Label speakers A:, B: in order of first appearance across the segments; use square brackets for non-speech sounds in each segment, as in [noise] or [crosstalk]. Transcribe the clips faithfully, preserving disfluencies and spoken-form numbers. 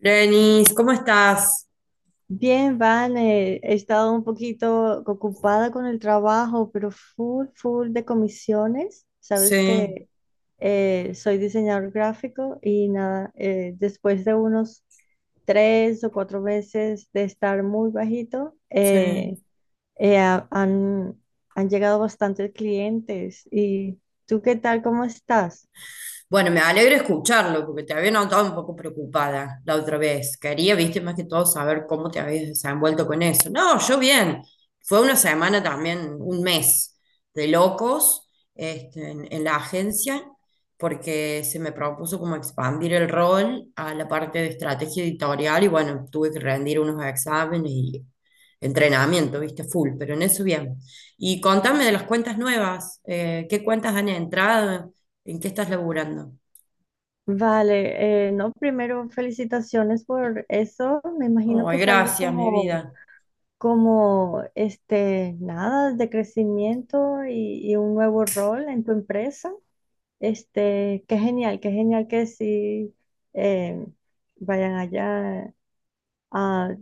A: Lenis, ¿cómo estás?
B: Bien, Vane, he estado un poquito ocupada con el trabajo, pero full, full de comisiones. Sabes
A: Sí,
B: que eh, soy diseñador gráfico y nada, eh, después de unos tres o cuatro meses de estar muy bajito,
A: sí.
B: eh, eh, ha- han, han llegado bastantes clientes. ¿Y tú qué tal? ¿Cómo estás?
A: Bueno, me alegro escucharlo, porque te había notado un poco preocupada la otra vez. Quería, viste, más que todo saber cómo te habías desenvuelto con eso. No, yo bien. Fue una semana también, un mes de locos este, en, en la agencia, porque se me propuso como expandir el rol a la parte de estrategia editorial y bueno, tuve que rendir unos exámenes y entrenamiento, viste, full, pero en eso bien. Y contame de las cuentas nuevas, eh, ¿qué cuentas han entrado? ¿En qué estás laburando?
B: Vale, eh, no, primero felicitaciones por eso. Me imagino que
A: Ay,
B: es algo
A: gracias, mi
B: como
A: vida.
B: como este, nada de crecimiento y, y un nuevo rol en tu empresa. Este, qué genial, qué genial que sí eh, vayan allá, a,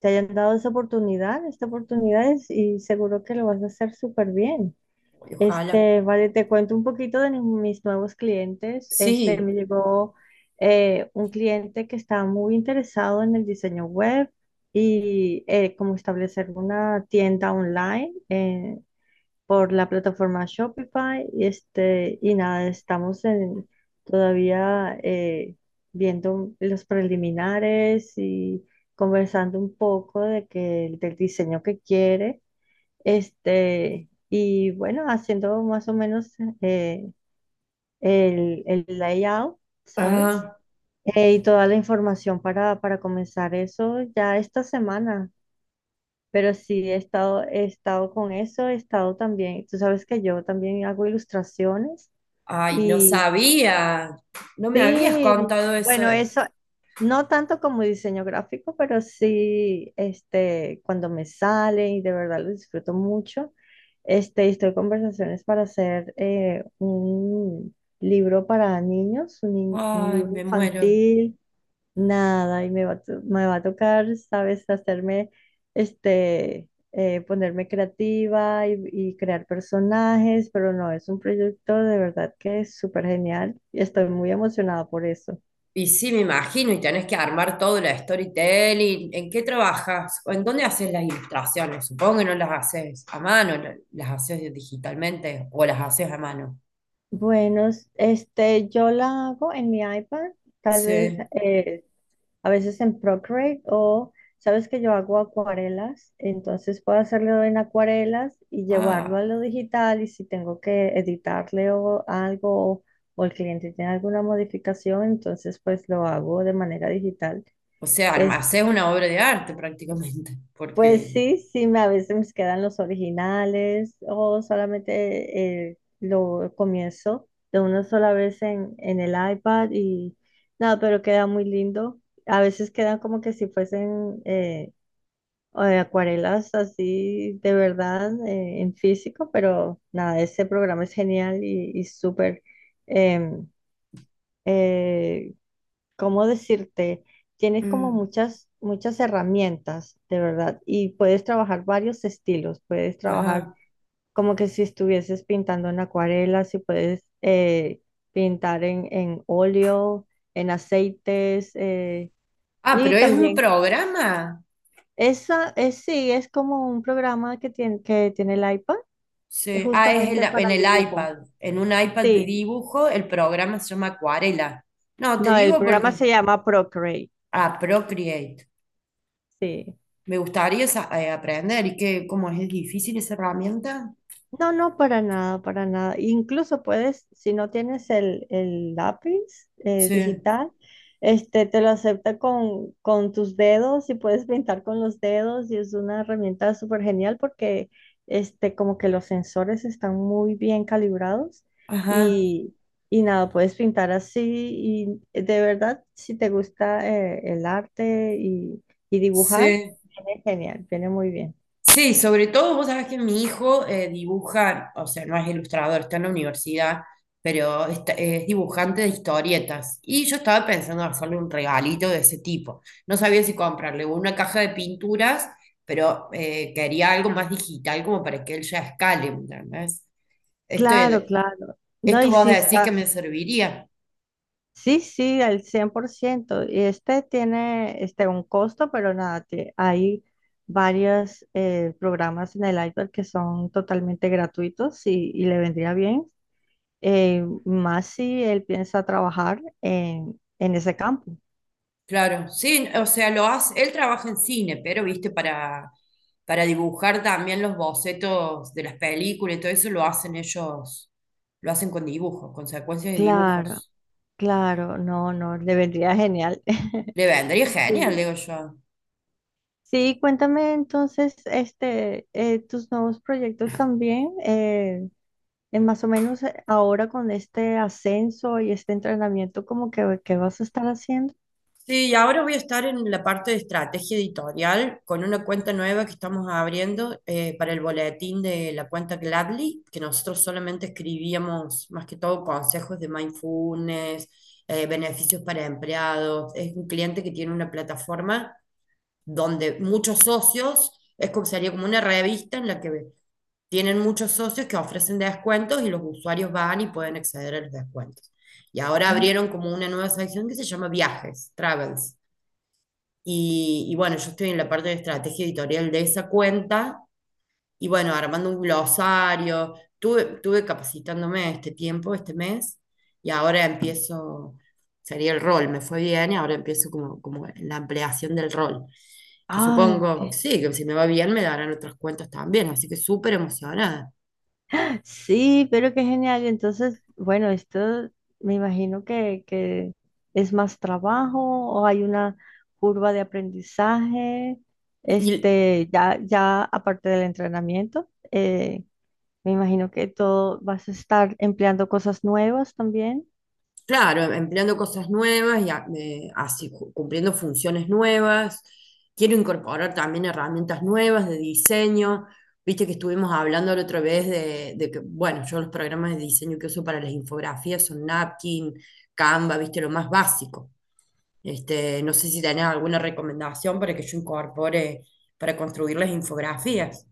B: te hayan dado esa oportunidad, esta oportunidad es- y seguro que lo vas a hacer súper bien.
A: Ay, ojalá.
B: Este, vale, te cuento un poquito de ni- mis nuevos clientes. Este, me
A: Sí.
B: llegó eh, un cliente que está muy interesado en el diseño web y eh, como establecer una tienda online eh, por la plataforma Shopify. Y, este, y nada, estamos en, todavía eh, viendo los preliminares y conversando un poco de que, del diseño que quiere. Este, y bueno, haciendo más o menos eh, el, el layout, ¿sabes?
A: Ah,
B: Eh, y toda la información para, para comenzar eso ya esta semana. Pero sí, he estado, he estado con eso, he estado también, tú sabes que yo también hago ilustraciones
A: ay, no
B: y
A: sabía. No me habías
B: sí,
A: contado eso.
B: bueno, eso, no tanto como diseño gráfico, pero sí, este, cuando me sale y de verdad lo disfruto mucho, este, estoy en conversaciones para hacer eh, un libro para niños, un, in- un
A: Ay,
B: libro
A: me muero.
B: infantil. Nada, y me va, a to- me va a tocar, ¿sabes? Hacerme, este, eh, ponerme creativa y, y crear personajes, pero no, es un proyecto de verdad que es súper genial y estoy muy emocionada por eso.
A: Y sí, me imagino, y tenés que armar todo el storytelling. ¿En qué trabajas? ¿O En dónde haces las ilustraciones? Supongo que no las haces a mano, la- las haces digitalmente o las haces a mano.
B: Bueno, este, yo la hago en mi iPad, tal vez,
A: Sí.
B: eh, a veces en Procreate o sabes que yo hago acuarelas, entonces puedo hacerlo en acuarelas y llevarlo
A: Ah,
B: a lo digital y si tengo que editarle o algo o, o el cliente tiene alguna modificación, entonces pues lo hago de manera digital.
A: o sea, arma-
B: Este,
A: haces una obra de arte prácticamente,
B: pues
A: porque...
B: sí, sí, me, a veces me quedan los originales o solamente eh, lo comienzo de una sola vez en, en el iPad y nada, pero queda muy lindo. A veces quedan como que si fuesen eh, o de acuarelas así de verdad eh, en físico, pero nada, ese programa es genial y, y súper, em, eh, ¿cómo decirte? Tienes como
A: Mm,
B: muchas, muchas herramientas, de verdad, y puedes trabajar varios estilos, puedes trabajar
A: ajá.
B: como que si estuvieses pintando en acuarela, si puedes eh, pintar en, en óleo, en aceites, eh,
A: Ah,
B: y
A: pero es un
B: también...
A: programa.
B: Esa es, sí, es como un programa que tiene, que tiene el iPad, es
A: Sí. Ah, es el-
B: justamente
A: en
B: para
A: el
B: dibujo.
A: iPad. En un iPad de
B: Sí,
A: dibujo, el programa se llama Acuarela. No, te
B: no, el
A: digo
B: programa
A: porque.
B: se llama Procreate.
A: Ah, Procreate.
B: Sí.
A: Me gustaría sa- eh, aprender. ¿Y que ¿cómo es? ¿Es difícil esa herramienta?
B: No, no, para nada, para nada. Incluso puedes, si no tienes el, el lápiz eh,
A: Sí.
B: digital, este, te lo acepta con, con tus dedos y puedes pintar con los dedos y es una herramienta súper genial porque este, como que los sensores están muy bien calibrados
A: Ajá.
B: y, y nada, puedes pintar así y de verdad, si te gusta eh, el arte y, y dibujar,
A: Sí.
B: viene genial, viene muy bien.
A: Sí, sobre todo vos sabés que mi hijo eh, dibuja, o sea, no es ilustrador, está en la universidad, pero está- es dibujante de historietas. Y yo estaba pensando en hacerle un regalito de ese tipo. No sabía si comprarle una caja de pinturas, pero eh, quería algo más digital como para que él ya escale, ¿me ¿entendés? Esto,
B: Claro, claro. No,
A: esto
B: y
A: vos
B: si
A: decís que
B: está
A: me serviría.
B: sí, sí, al cien por ciento. Y este tiene este, un costo, pero nada, tie- hay varios eh, programas en el iPad que son totalmente gratuitos y, y le vendría bien, eh, más si él piensa trabajar en, en ese campo.
A: Claro, sí, o sea, lo hace, él trabaja en cine, pero viste, para, para dibujar también los bocetos de las películas y todo eso lo hacen ellos, lo hacen con dibujos, con secuencias de
B: Claro,
A: dibujos.
B: claro, no, no, le vendría genial. [laughs]
A: Le vendría genial,
B: Sí,
A: digo yo.
B: sí, cuéntame entonces este, eh, tus nuevos proyectos también. Eh, eh, más o menos eh, ahora con este ascenso y este entrenamiento, como que, ¿qué vas a estar haciendo?
A: Sí, y ahora voy a estar en la parte de estrategia editorial con una cuenta nueva que estamos abriendo eh, para el boletín de la cuenta Gladly, que nosotros solamente escribíamos más que todo consejos de mindfulness, eh, beneficios para empleados. Es un cliente que tiene una plataforma donde muchos socios, es como sería como una revista en la que tienen muchos socios que ofrecen descuentos y los usuarios van y pueden acceder a los descuentos. Y ahora
B: Ah,
A: abrieron como una nueva sección que se llama Viajes, Travels. Y, y bueno, yo estoy en la parte de estrategia editorial de esa cuenta y bueno, armando un glosario. Tuve, tuve capacitándome este tiempo, este mes, y ahora empiezo, sería el rol, me fue bien y ahora empiezo como, como la ampliación del rol. Que
B: ay,
A: supongo,
B: qué-
A: sí, que si me va bien me darán otras cuentas también, así que súper emocionada.
B: sí, pero qué genial. Y entonces, bueno, esto me imagino que, que es más trabajo o hay una curva de aprendizaje,
A: Y
B: este, ya, ya aparte del entrenamiento, eh, me imagino que todo vas a estar empleando cosas nuevas también.
A: claro, empleando cosas nuevas y a- eh, así ju- cumpliendo funciones nuevas. Quiero incorporar también herramientas nuevas de diseño. Viste que estuvimos hablando la otra vez de, de que, bueno, yo los programas de diseño que uso para las infografías son Napkin, Canva, viste, lo más básico. Este, no sé si tenés alguna recomendación para que yo incorpore para construir las infografías.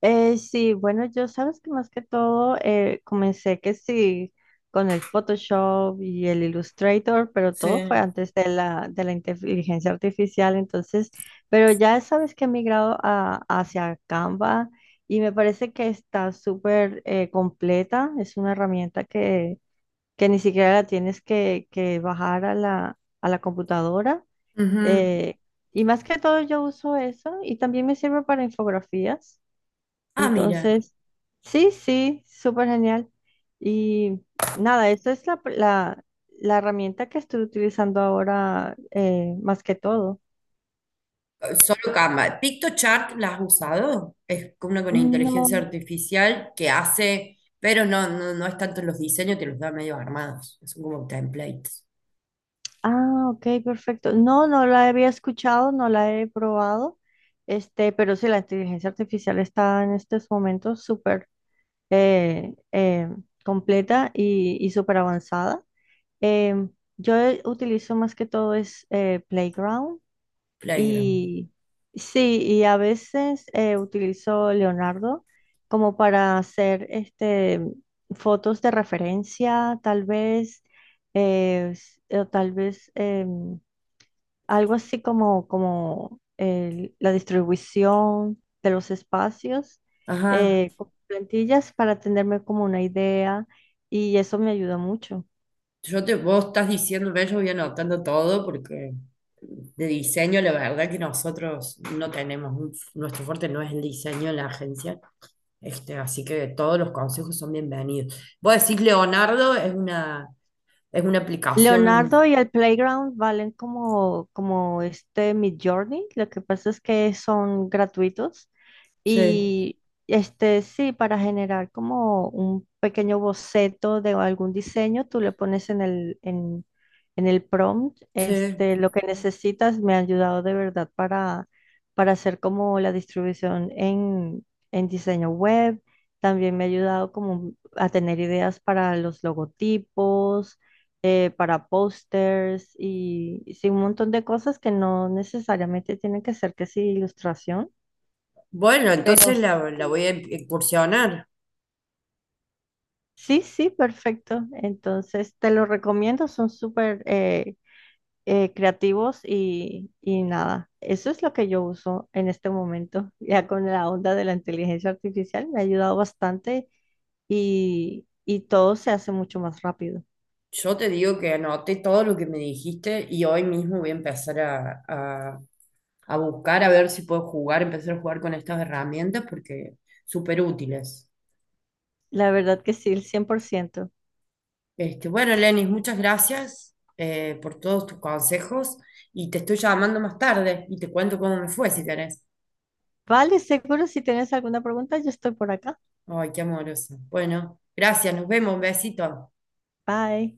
B: Eh, sí, bueno, yo sabes que más que todo eh, comencé que sí con el Photoshop y el Illustrator, pero todo fue
A: Sí.
B: antes de la, de la inteligencia artificial, entonces, pero ya sabes que he migrado a- hacia Canva y me parece que está súper eh, completa, es una herramienta que, que ni siquiera la tienes que, que bajar a la, a la computadora.
A: Ujú.
B: eh, y más que todo yo uso eso y también me sirve para infografías.
A: Ah, mira.
B: Entonces, sí, sí, súper genial. Y nada, esta es la, la, la herramienta que estoy utilizando ahora eh, más que todo.
A: Solo Canva. PictoChart, ¿la has usado? Es como una con inteligencia
B: No,
A: artificial que hace, pero no, no, no es tanto en los diseños, te los da medio armados. Son como templates,
B: ah, ok, perfecto. No, no la había escuchado, no la he probado, este, pero sí, la inteligencia artificial está en estos momentos súper eh, eh, completa y, y súper avanzada. Em, yo utilizo más que todo es eh, Playground.
A: playground.
B: Y sí, y a veces eh, utilizo Leonardo como para hacer este, fotos de referencia, tal vez, eh, s- o tal vez em, algo así como, como el- la distribución de los espacios,
A: Ajá.
B: eh, con plantillas para tenerme como una idea y eso me ayuda mucho.
A: Yo te, vos estás diciendo, ve, yo voy anotando todo porque de diseño, la verdad que nosotros no tenemos, un- nuestro fuerte no es el diseño en la agencia. Este, así que todos los consejos son bienvenidos. Vos decís, Leonardo, es una, es una
B: Leonardo
A: aplicación.
B: y el Playground valen como, como este Midjourney. Lo que pasa es que son gratuitos.
A: Sí,
B: Y este sí, para generar como un pequeño boceto de algún diseño, tú le pones en el, en, en el prompt,
A: sí.
B: este, lo que necesitas. Me ha ayudado de verdad para, para hacer como la distribución en, en diseño web. También me ha ayudado como a tener ideas para los logotipos, eh, para pósters y, y sí, un montón de cosas que no necesariamente tienen que ser que sí ilustración,
A: Bueno,
B: pero
A: entonces la, la
B: sí.
A: voy a incursionar.
B: Sí, sí, perfecto. Entonces, te lo recomiendo, son súper eh, eh, creativos y, y nada, eso es lo que yo uso en este momento. [laughs] Ya con la onda de la inteligencia artificial me ha ayudado bastante y, y todo se hace mucho más rápido.
A: Yo te digo que anoté todo lo que me dijiste y hoy mismo voy a empezar a, a- a buscar a ver si puedo jugar, empezar a jugar con estas herramientas porque súper útiles.
B: La verdad que sí, el cien por ciento.
A: Este, bueno, Lenis, muchas gracias eh, por todos tus consejos y te estoy llamando más tarde y te cuento cómo me fue si querés.
B: Vale, seguro si tienes alguna pregunta, yo estoy por acá.
A: Ay, qué amorosa. Bueno, gracias, nos vemos, un besito.
B: Bye.